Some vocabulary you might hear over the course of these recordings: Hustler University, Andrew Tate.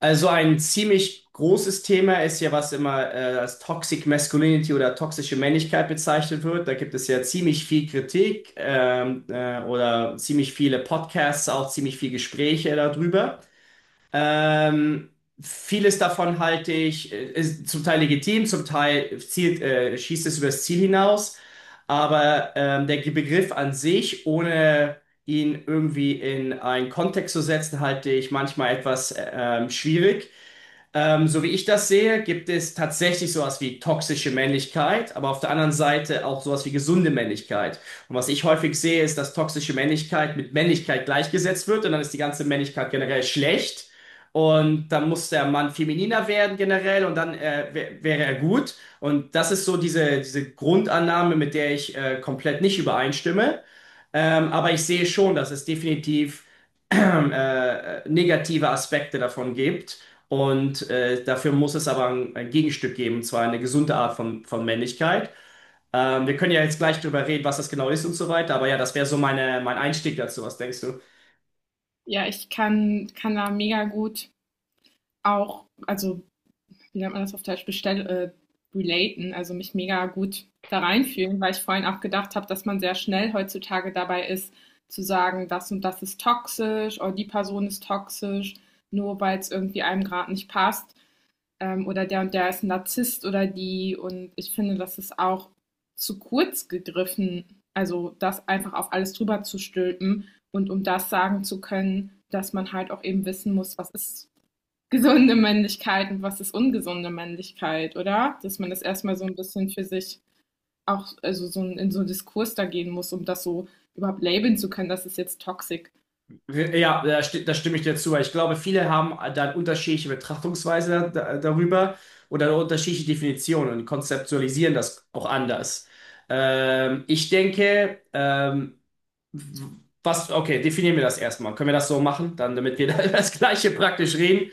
Also ein ziemlich großes Thema ist ja, was immer als Toxic Masculinity oder toxische Männlichkeit bezeichnet wird. Da gibt es ja ziemlich viel Kritik oder ziemlich viele Podcasts, auch ziemlich viel Gespräche darüber. Ähm, vieles davon halte ich, ist zum Teil legitim, zum Teil zielt, schießt es übers Ziel hinaus. Aber der Begriff an sich, ohne ihn irgendwie in einen Kontext zu setzen, halte ich manchmal etwas schwierig. So wie ich das sehe, gibt es tatsächlich sowas wie toxische Männlichkeit, aber auf der anderen Seite auch sowas wie gesunde Männlichkeit. Und was ich häufig sehe, ist, dass toxische Männlichkeit mit Männlichkeit gleichgesetzt wird und dann ist die ganze Männlichkeit generell schlecht. Und dann muss der Mann femininer werden generell und dann wäre er gut. Und das ist so diese Grundannahme, mit der ich komplett nicht übereinstimme. Aber ich sehe schon, dass es definitiv negative Aspekte davon gibt. Und dafür muss es aber ein Gegenstück geben, und zwar eine gesunde Art von Männlichkeit. Wir können ja jetzt gleich drüber reden, was das genau ist und so weiter, aber ja, das wäre so mein Einstieg dazu. Was denkst du? Ja, ich kann kann da mega gut auch also, wie nennt man das auf Deutsch, bestell relaten, also mich mega gut da reinfühlen, weil ich vorhin auch gedacht habe, dass man sehr schnell heutzutage dabei ist, zu sagen, das und das ist toxisch oder die Person ist toxisch, nur weil es irgendwie einem grad nicht passt, oder der und der ist ein Narzisst oder die. Und ich finde, das ist auch zu kurz gegriffen, also das einfach auf alles drüber zu stülpen, und um das sagen zu können, dass man halt auch eben wissen muss, was ist gesunde Männlichkeit und was ist ungesunde Männlichkeit, oder? Dass man das erstmal so ein bisschen für sich, auch also so in so einen Diskurs da gehen muss, um das so überhaupt labeln zu können, das ist jetzt toxisch. Ja, da stimme ich dir zu. Ich glaube, viele haben dann unterschiedliche Betrachtungsweise darüber oder eine unterschiedliche Definitionen und konzeptualisieren das auch anders. Ich denke, w- okay, definieren wir das erstmal. Können wir das so machen, dann, damit wir da über das Gleiche praktisch reden?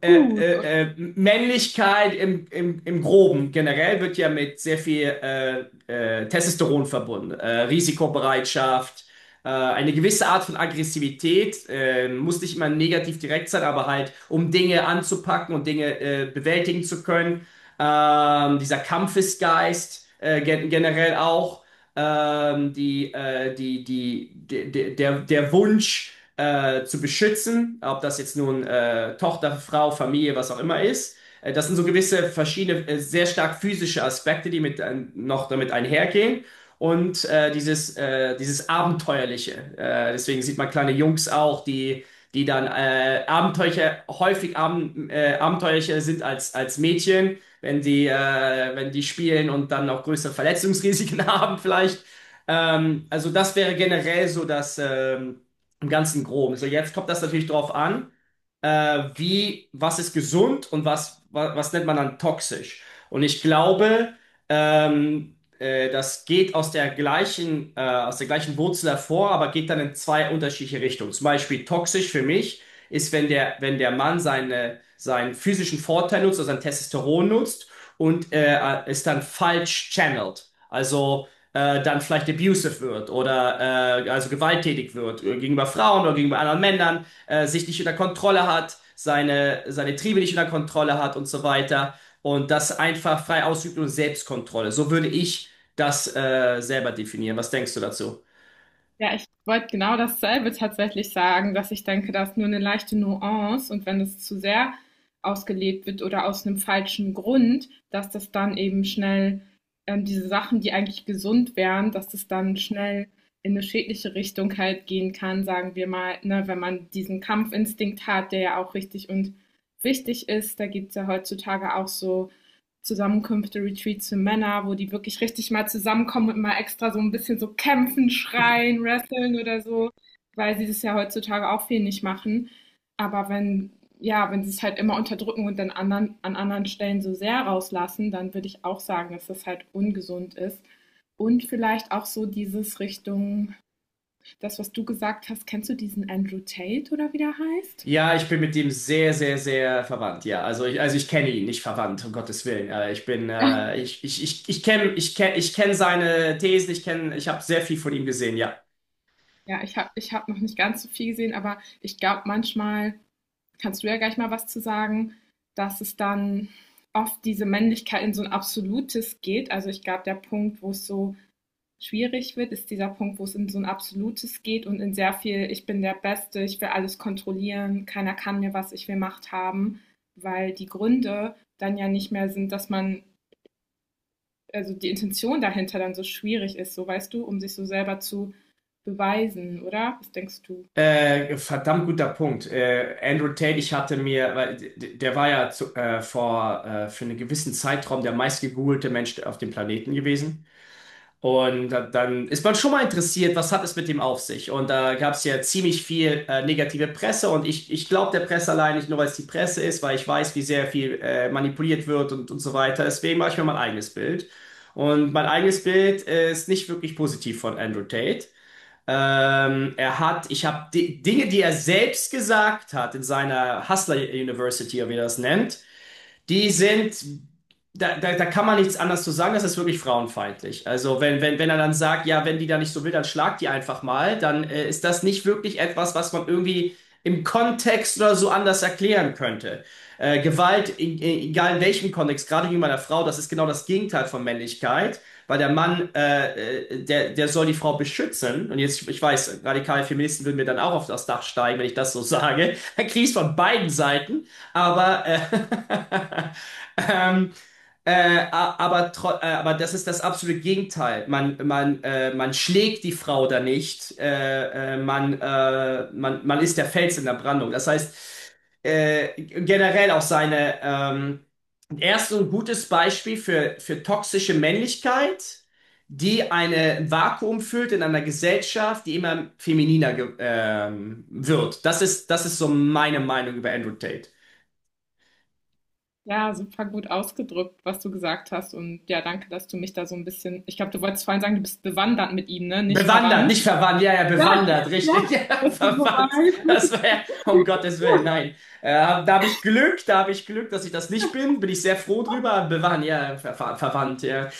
äh, Gut. äh, äh, Männlichkeit im Groben generell wird ja mit sehr viel Testosteron verbunden. Risikobereitschaft, eine gewisse Art von Aggressivität, muss nicht immer negativ direkt sein, aber halt, um Dinge anzupacken und Dinge bewältigen zu können. Dieser Kampfesgeist generell auch die, die, die, de, de, der, der Wunsch zu beschützen, ob das jetzt nun Tochter, Frau, Familie, was auch immer ist. Das sind so gewisse verschiedene, sehr stark physische Aspekte, die noch damit einhergehen. Und dieses Abenteuerliche. Deswegen sieht man kleine Jungs auch, die dann abenteuerlicher sind als Mädchen, wenn die spielen und dann auch größere Verletzungsrisiken haben vielleicht. Also das wäre generell so das im ganzen Groben. So jetzt kommt das natürlich drauf an, was ist gesund und was nennt man dann toxisch. Und ich glaube, ähm, das geht aus der gleichen Wurzel hervor, aber geht dann in zwei unterschiedliche Richtungen. Zum Beispiel toxisch für mich ist, wenn der Mann seinen physischen Vorteil nutzt, also sein Testosteron nutzt und es dann falsch channelt. Also dann vielleicht abusive wird oder also gewalttätig wird gegenüber Frauen oder gegenüber anderen Männern, sich nicht unter Kontrolle hat, seine Triebe nicht unter Kontrolle hat und so weiter und das einfach frei ausübt und Selbstkontrolle. So würde ich das selber definieren. Was denkst du dazu? Ja, ich wollte genau dasselbe tatsächlich sagen, dass ich denke, da ist nur eine leichte Nuance, und wenn es zu sehr ausgelebt wird oder aus einem falschen Grund, dass das dann eben schnell, diese Sachen, die eigentlich gesund wären, dass das dann schnell in eine schädliche Richtung halt gehen kann, sagen wir mal, ne, wenn man diesen Kampfinstinkt hat, der ja auch richtig und wichtig ist. Da gibt es ja heutzutage auch so Zusammenkünfte, Retreats für Männer, wo die wirklich richtig mal zusammenkommen und mal extra so ein bisschen so kämpfen, schreien, wresteln oder so, weil sie das ja heutzutage auch viel nicht machen. Aber wenn, ja, wenn sie es halt immer unterdrücken und dann anderen, an anderen Stellen so sehr rauslassen, dann würde ich auch sagen, dass das halt ungesund ist. Und vielleicht auch so dieses Richtung, das, was du gesagt hast, kennst du diesen Andrew Tate oder wie der heißt? Ja, ich bin mit dem sehr, sehr, sehr verwandt. Ja, also ich kenne ihn nicht verwandt, um Gottes Willen. Ja, Ich kenne seine Thesen. Ich habe sehr viel von ihm gesehen. Ja. ja, ich habe, ich hab noch nicht ganz so viel gesehen, aber ich glaube manchmal, kannst du ja gleich mal was zu sagen, dass es dann oft diese Männlichkeit in so ein absolutes geht. Also ich glaube, der Punkt, wo es so schwierig wird, ist dieser Punkt, wo es in so ein absolutes geht und in sehr viel, ich bin der Beste, ich will alles kontrollieren, keiner kann mir was, ich will Macht haben, weil die Gründe dann ja nicht mehr sind, dass man, also die Intention dahinter dann so schwierig ist, so weißt du, um sich so selber zu beweisen, oder? Was denkst du? Verdammt guter Punkt. Andrew Tate, ich hatte mir, weil der war ja zu, vor für einen gewissen Zeitraum der meistgegoogelte Mensch auf dem Planeten gewesen. Und dann ist man schon mal interessiert, was hat es mit dem auf sich? Und da gab es ja ziemlich viel negative Presse und ich glaube der Presse allein nicht nur, weil es die Presse ist, weil ich weiß, wie sehr viel manipuliert wird und so weiter. Deswegen mache ich mir mein eigenes Bild. Und mein eigenes Bild ist nicht wirklich positiv von Andrew Tate. Ich habe Dinge, die er selbst gesagt hat in seiner Hustler University, oder wie er das nennt, die sind, da, da, da kann man nichts anderes zu sagen, das ist wirklich frauenfeindlich. Also wenn er dann sagt, ja, wenn die da nicht so will, dann schlag die einfach mal, dann ist das nicht wirklich etwas, was man irgendwie im Kontext oder so anders erklären könnte. Gewalt, egal in welchem Kontext, gerade wie bei einer Frau, das ist genau das Gegenteil von Männlichkeit, weil der Mann, der soll die Frau beschützen. Und jetzt, ich weiß, radikale Feministen würden mir dann auch auf das Dach steigen, wenn ich das so sage. Dann krieg ich's von beiden Seiten. Aber, äh, ähm, aber das ist das absolute Gegenteil. Man schlägt die Frau da nicht. Man ist der Fels in der Brandung. Das heißt, generell auch seine, erst so ein gutes Beispiel für toxische Männlichkeit, die eine Vakuum füllt in einer Gesellschaft, die immer femininer ge wird. Das ist so meine Meinung über Andrew Tate. Ja, super gut ausgedrückt, was du gesagt hast. Und ja, danke, dass du mich da so ein bisschen. Ich glaube, du wolltest vorhin sagen, du bist bewandert mit ihm, ne? Nicht Bewandert, verwandt. nicht verwandt, ja, ja, Ja, bewandert, richtig, ja. ja, Das ist, verwandt. Das wobei, wäre, um Gottes Willen, nein. Äh, da habe ich Glück, da habe ich Glück, dass ich das nicht bin, bin ich sehr froh drüber. Bewandt, ja, verwandt, ja.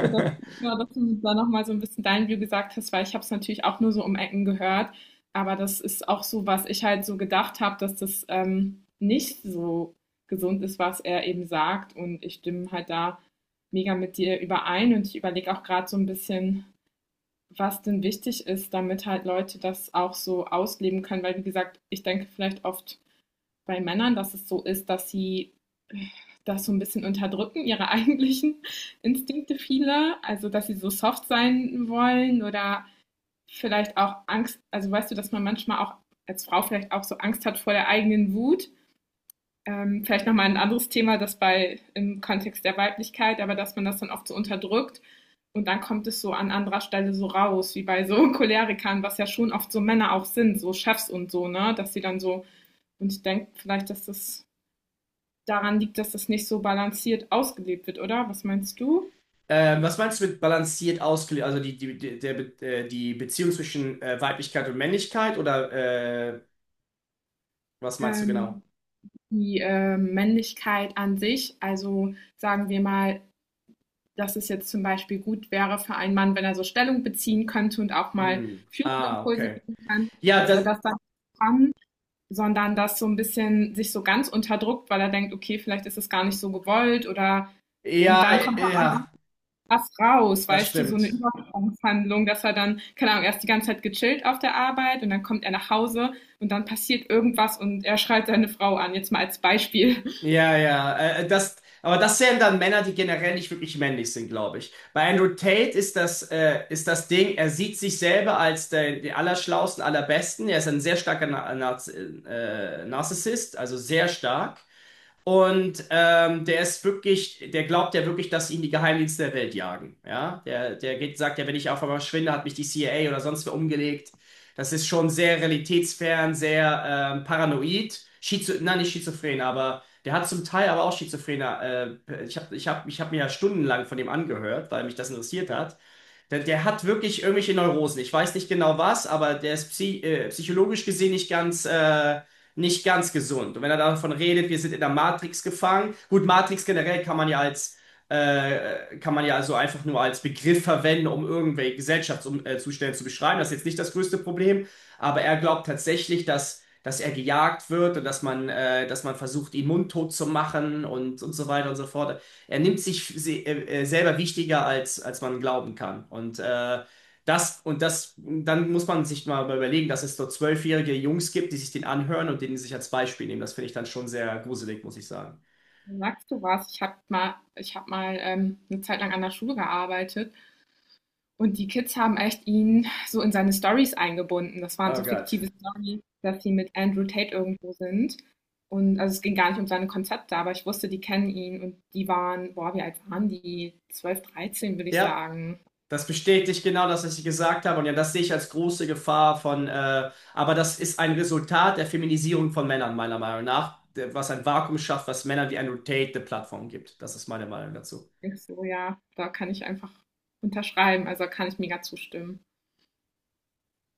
das, ja, dass du da nochmal so ein bisschen dein View gesagt hast, weil ich habe es natürlich auch nur so um Ecken gehört. Aber das ist auch so, was ich halt so gedacht habe, dass das, nicht so gesund ist, was er eben sagt. Und ich stimme halt da mega mit dir überein. Und ich überlege auch gerade so ein bisschen, was denn wichtig ist, damit halt Leute das auch so ausleben können. Weil, wie gesagt, ich denke vielleicht oft bei Männern, dass es so ist, dass sie das so ein bisschen unterdrücken, ihre eigentlichen Instinkte viele. Also, dass sie so soft sein wollen oder vielleicht auch Angst, also weißt du, dass man manchmal auch als Frau vielleicht auch so Angst hat vor der eigenen Wut, vielleicht nochmal ein anderes Thema, das bei im Kontext der Weiblichkeit, aber dass man das dann oft so unterdrückt und dann kommt es so an anderer Stelle so raus, wie bei so Cholerikern, was ja schon oft so Männer auch sind, so Chefs und so, ne, dass sie dann so, und ich denke vielleicht, dass das daran liegt, dass das nicht so balanciert ausgelebt wird, oder? Was meinst du? Was meinst du mit balanciert ausgelegt? Also die Beziehung zwischen Weiblichkeit und Männlichkeit oder äh, was meinst du genau? Ähm, die Männlichkeit an sich, also sagen wir mal, dass es jetzt zum Beispiel gut wäre für einen Mann, wenn er so Stellung beziehen könnte und auch mal Hm. führende Ah, Impulse okay. geben kann, Ja, dass er das, das dann kann, sondern dass so ein bisschen sich so ganz unterdrückt, weil er denkt, okay, vielleicht ist es gar nicht so gewollt oder, ja, und dann kommt ja, dann was raus, das weißt du, so eine stimmt. Übersprungshandlung, dass er dann, keine Ahnung, erst die ganze Zeit gechillt auf der Arbeit und dann kommt er nach Hause und dann passiert irgendwas und er schreit seine Frau an, jetzt mal als Beispiel. Ja, ja, aber das wären dann Männer, die generell nicht wirklich männlich sind, glaube ich. Bei Andrew Tate ist das Ding, er sieht sich selber als den Allerschlausten, Allerbesten. Er ist ein sehr starker Narzissist, also sehr stark. Und der glaubt ja wirklich, dass ihn die Geheimdienste der Welt jagen. Ja, sagt ja, wenn ich auf einmal verschwinde, hat mich die CIA oder sonst wer umgelegt. Das ist schon sehr realitätsfern, sehr paranoid. Schizo Nein, nicht schizophren, aber der hat zum Teil aber auch schizophrene. Ich hab mir ja stundenlang von dem angehört, weil mich das interessiert hat. Der hat wirklich irgendwelche Neurosen. Ich weiß nicht genau was, aber der ist psychologisch gesehen nicht ganz gesund. Und wenn er davon redet, wir sind in der Matrix gefangen. Gut, Matrix generell kann man ja also einfach nur als Begriff verwenden, um irgendwelche Gesellschaftszustände zu beschreiben. Das ist jetzt nicht das größte Problem. Aber er glaubt tatsächlich, dass er gejagt wird und dass man versucht, ihn mundtot zu machen und so weiter und so fort. Er nimmt sich selber wichtiger, als man glauben kann. Und dann muss man sich mal überlegen, dass es dort zwölfjährige Jungs gibt, die sich den anhören und den sich als Beispiel nehmen. Das finde ich dann schon sehr gruselig, muss ich sagen. Sagst du was? Ich habe mal, ich hab mal eine Zeit lang an der Schule gearbeitet. Und die Kids haben echt ihn so in seine Stories eingebunden. Das waren Oh so fiktive Gott. Storys, dass sie mit Andrew Tate irgendwo sind. Und also es ging gar nicht um seine Konzepte, aber ich wusste, die kennen ihn, und die waren, boah, wie alt waren die? 12, 13, würde ich Ja, sagen. das bestätigt genau das, was ich gesagt habe. Und ja, das sehe ich als große Gefahr aber das ist ein Resultat der Feminisierung von Männern, meiner Meinung nach, was ein Vakuum schafft, was Männern wie Andrew Tate eine Plattform gibt. Das ist meine Meinung dazu. Ich so, ja, da kann ich einfach unterschreiben, also da kann ich mega zustimmen.